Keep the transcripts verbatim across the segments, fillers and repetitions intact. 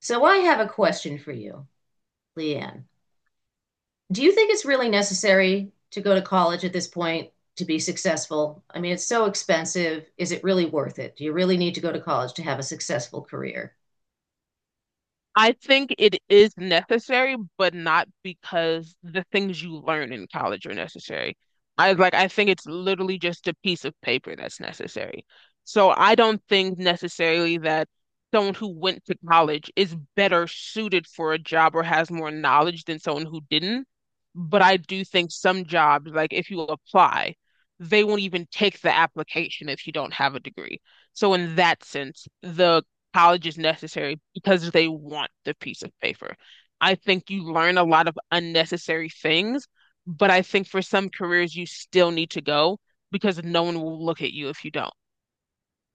So I have a question for you, Leanne. Do you think it's really necessary to go to college at this point to be successful? I mean, it's so expensive. Is it really worth it? Do you really need to go to college to have a successful career? I think it is necessary, but not because the things you learn in college are necessary. I like I think it's literally just a piece of paper that's necessary. So I don't think necessarily that someone who went to college is better suited for a job or has more knowledge than someone who didn't. But I do think some jobs, like if you apply, they won't even take the application if you don't have a degree. So in that sense, the college is necessary because they want the piece of paper. I think you learn a lot of unnecessary things, but I think for some careers you still need to go because no one will look at you if you don't.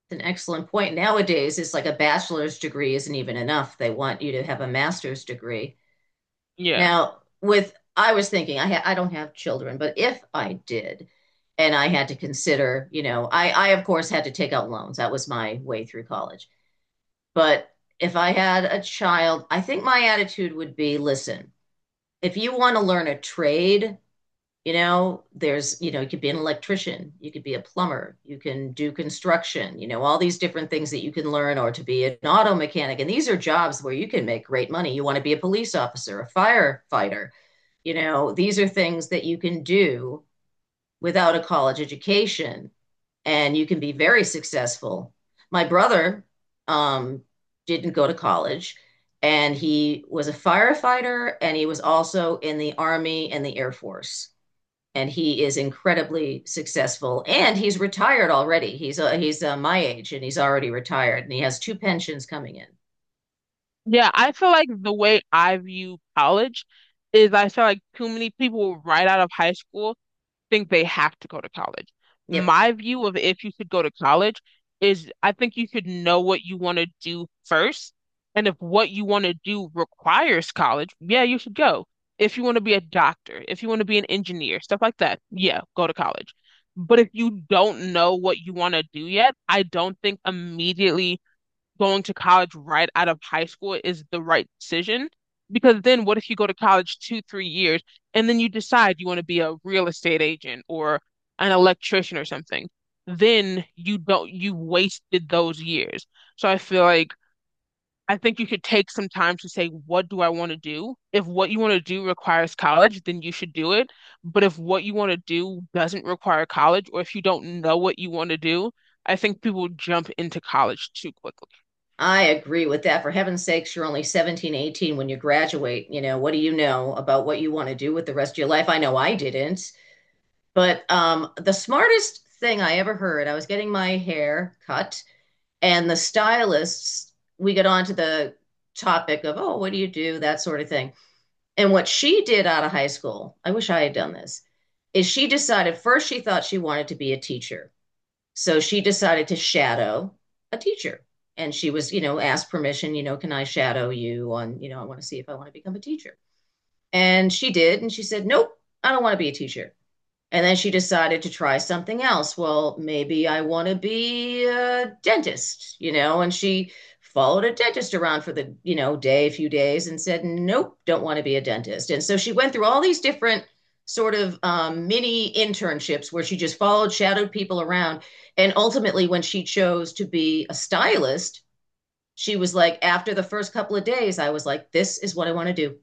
It's an excellent point. Nowadays, it's like a bachelor's degree isn't even enough. They want you to have a master's degree. Yeah. Now, with I was thinking, I ha I don't have children, but if I did, and I had to consider, you know, I I of course had to take out loans. That was my way through college. But if I had a child, I think my attitude would be, listen, if you want to learn a trade, you know, there's, you know, you could be an electrician, you could be a plumber, you can do construction, you know, all these different things that you can learn, or to be an auto mechanic. And these are jobs where you can make great money. You want to be a police officer, a firefighter, you know, these are things that you can do without a college education and you can be very successful. My brother um, didn't go to college, and he was a firefighter, and he was also in the Army and the Air Force. And he is incredibly successful, and he's retired already. He's uh, he's uh, my age, and he's already retired, and he has two pensions coming in. Yeah, I feel like the way I view college is I feel like too many people right out of high school think they have to go to college. Yep. My view of if you should go to college is I think you should know what you want to do first. And if what you want to do requires college, yeah, you should go. If you want to be a doctor, if you want to be an engineer, stuff like that, yeah, go to college. But if you don't know what you want to do yet, I don't think immediately going to college right out of high school is the right decision. Because then what if you go to college two, three years and then you decide you want to be a real estate agent or an electrician or something? Then you don't, you wasted those years. So I feel like I think you should take some time to say, what do I want to do? If what you want to do requires college, then you should do it. But if what you want to do doesn't require college, or if you don't know what you want to do, I think people jump into college too quickly. I agree with that. For heaven's sakes, you're only seventeen, eighteen when you graduate. You know, what do you know about what you want to do with the rest of your life? I know I didn't. But um, the smartest thing I ever heard, I was getting my hair cut, and the stylists, we got onto the topic of, oh, what do you do? That sort of thing. And what she did out of high school, I wish I had done this, is she decided first she thought she wanted to be a teacher. So she decided to shadow a teacher. And she was, you know, asked permission, you know, can I shadow you on, you know, I want to see if I want to become a teacher. And she did. And she said, nope, I don't want to be a teacher. And then she decided to try something else. Well, maybe I want to be a dentist, you know? And she followed a dentist around for the, you know, day, a few days and said, nope, don't want to be a dentist. And so she went through all these different sort of um, mini internships where she just followed, shadowed people around. And ultimately, when she chose to be a stylist, she was like, after the first couple of days, I was like, this is what I want to do.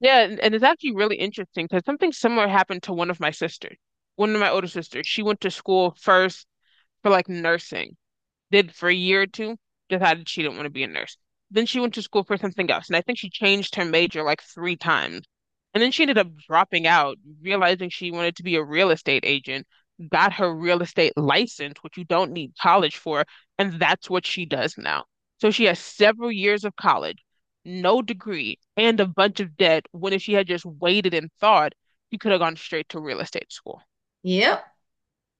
Yeah, and, and it's actually really interesting because something similar happened to one of my sisters, one of my older sisters. She went to school first for like nursing, did for a year or two, decided she didn't want to be a nurse. Then she went to school for something else, and I think she changed her major like three times. And then she ended up dropping out, realizing she wanted to be a real estate agent, got her real estate license, which you don't need college for, and that's what she does now. So she has several years of college, no degree, and a bunch of debt, when if she had just waited and thought, she could have gone straight to real estate school. Yep.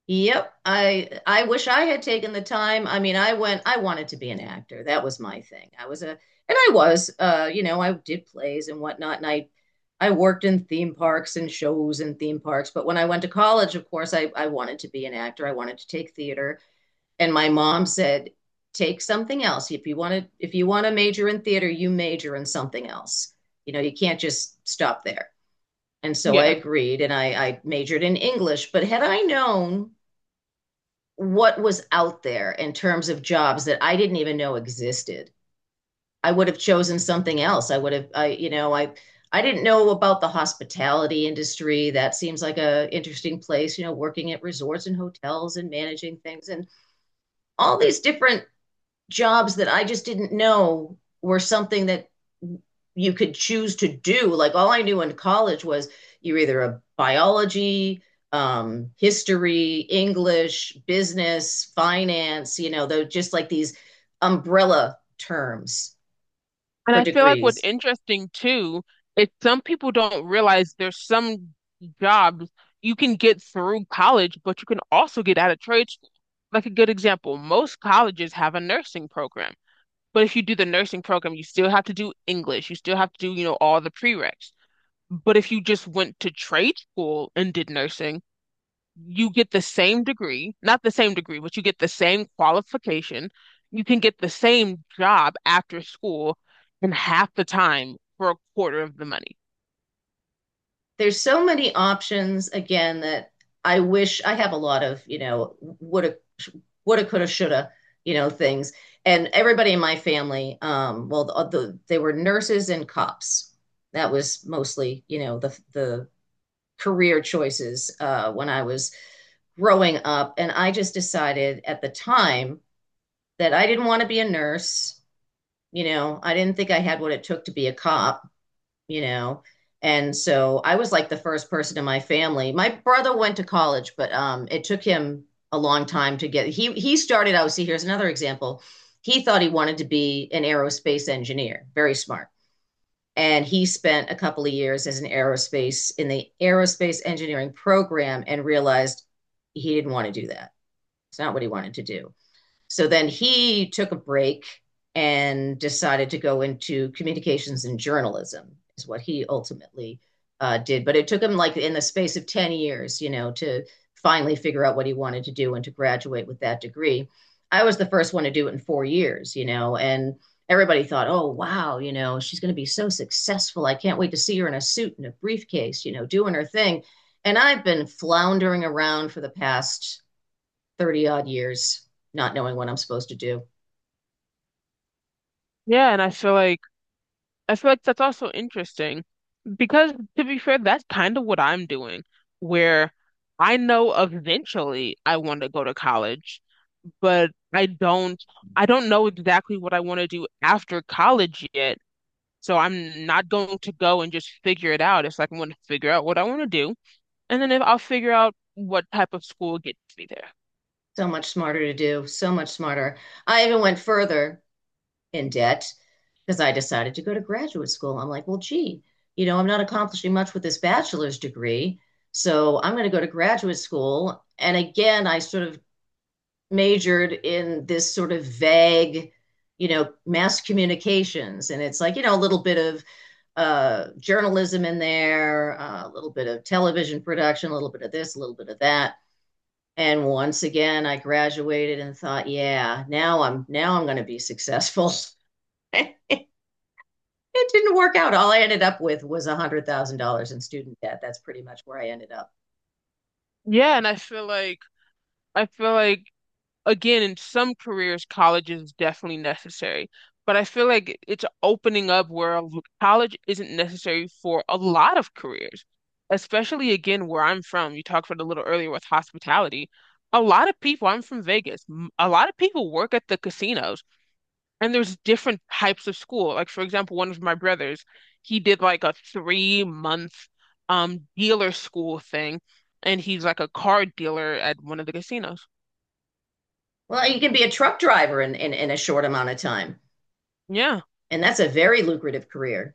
Yep. I I wish I had taken the time. I mean, I went, I wanted to be an actor. That was my thing. I was a, and I was, uh, you know, I did plays and whatnot, and I I worked in theme parks and shows in theme parks. But when I went to college, of course, I, I wanted to be an actor. I wanted to take theater. And my mom said, take something else. If you want to, if you want to major in theater, you major in something else. You know, you can't just stop there. And so I Yeah. agreed and I, I majored in English. But had I known what was out there in terms of jobs that I didn't even know existed. I would have chosen something else. I would have, I, you know, I, I didn't know about the hospitality industry. That seems like a interesting place, you know, working at resorts and hotels and managing things and all these different jobs that I just didn't know were something that you could choose to do. Like all I knew in college was you're either a biology, um, history, English, business, finance, you know, though just like these umbrella terms And for I feel like what's degrees. interesting too is some people don't realize there's some jobs you can get through college, but you can also get out of trade school. Like a good example, most colleges have a nursing program, but if you do the nursing program, you still have to do English, you still have to do, you know, all the prereqs. But if you just went to trade school and did nursing, you get the same degree, not the same degree, but you get the same qualification. You can get the same job after school in half the time for a quarter of the money. There's so many options again that I wish I have a lot of, you know, woulda, woulda, coulda, shoulda, you know, things. And everybody in my family, um, well, the, the, they were nurses and cops. That was mostly, you know, the the career choices uh, when I was growing up. And I just decided at the time that I didn't want to be a nurse. You know, I didn't think I had what it took to be a cop, you know. And so I was like the first person in my family. My brother went to college, but um, it took him a long time to get. He he started out. See, here's another example. He thought he wanted to be an aerospace engineer, very smart, and he spent a couple of years as an aerospace in the aerospace engineering program and realized he didn't want to do that. It's not what he wanted to do. So then he took a break and decided to go into communications and journalism, is what he ultimately uh, did. But it took him like in the space of ten years, you know, to finally figure out what he wanted to do and to graduate with that degree. I was the first one to do it in four years, you know, and everybody thought, oh, wow, you know, she's going to be so successful. I can't wait to see her in a suit and a briefcase, you know, doing her thing. And I've been floundering around for the past thirty odd years not knowing what I'm supposed to do. Yeah, and I feel like I feel like that's also interesting because to be fair, that's kind of what I'm doing, where I know eventually I want to go to college, but I don't I don't know exactly what I want to do after college yet. So I'm not going to go and just figure it out. It's like I'm going to figure out what I want to do, and then if I'll figure out what type of school gets me there. So much smarter to do, so much smarter. I even went further in debt because I decided to go to graduate school. I'm like, well, gee, you know, I'm not accomplishing much with this bachelor's degree. So I'm going to go to graduate school. And again, I sort of majored in this sort of vague, you know, mass communications. And it's like, you know, a little bit of uh, journalism in there, uh, a little bit of television production, a little bit of this, a little bit of that. And once again, I graduated and thought, yeah, now I'm now I'm going to be successful. It didn't work out. All I ended up with was one hundred thousand dollars in student debt. That's pretty much where I ended up. Yeah, and I feel like I feel like again in some careers, college is definitely necessary, but I feel like it's opening up where a l- college isn't necessary for a lot of careers, especially again where I'm from. You talked about it a little earlier with hospitality. A lot of people, I'm from Vegas. m- A lot of people work at the casinos. And there's different types of school. Like for example, one of my brothers, he did like a three month um dealer school thing, and he's like a car dealer at one of the casinos. Well, you can be a truck driver in, in, in a short amount of time, Yeah, and that's a very lucrative career.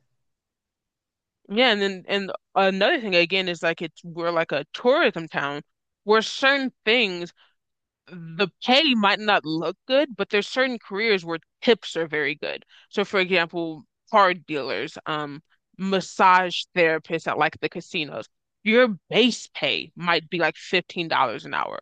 yeah. And then and another thing again is like it's we're like a tourism town where certain things the pay might not look good, but there's certain careers where tips are very good. So, for example, card dealers, um, massage therapists at like the casinos, your base pay might be like fifteen dollars an hour.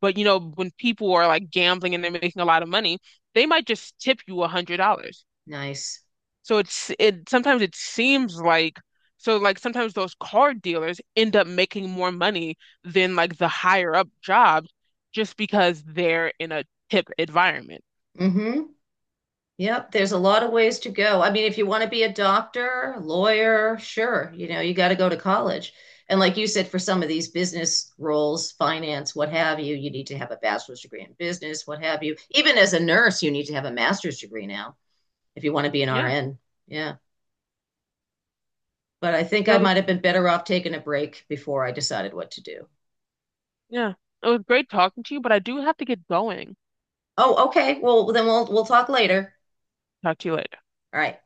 But you know, when people are like gambling and they're making a lot of money, they might just tip you a hundred dollars. Nice. So it's it sometimes it seems like so like sometimes those card dealers end up making more money than like the higher up jobs just because they're in a tip environment. Hmm. Yep, there's a lot of ways to go. I mean, if you want to be a doctor, lawyer, sure, you know, you got to go to college. And like you said, for some of these business roles, finance, what have you, you need to have a bachelor's degree in business, what have you. Even as a nurse, you need to have a master's degree now if you want to be an Yeah. R N. Yeah. But I think It I was, might have been better off taking a break before I decided what to do. yeah. It was great talking to you, but I do have to get going. Oh, okay. Well, then we'll we'll talk later. Talk to you later. All right.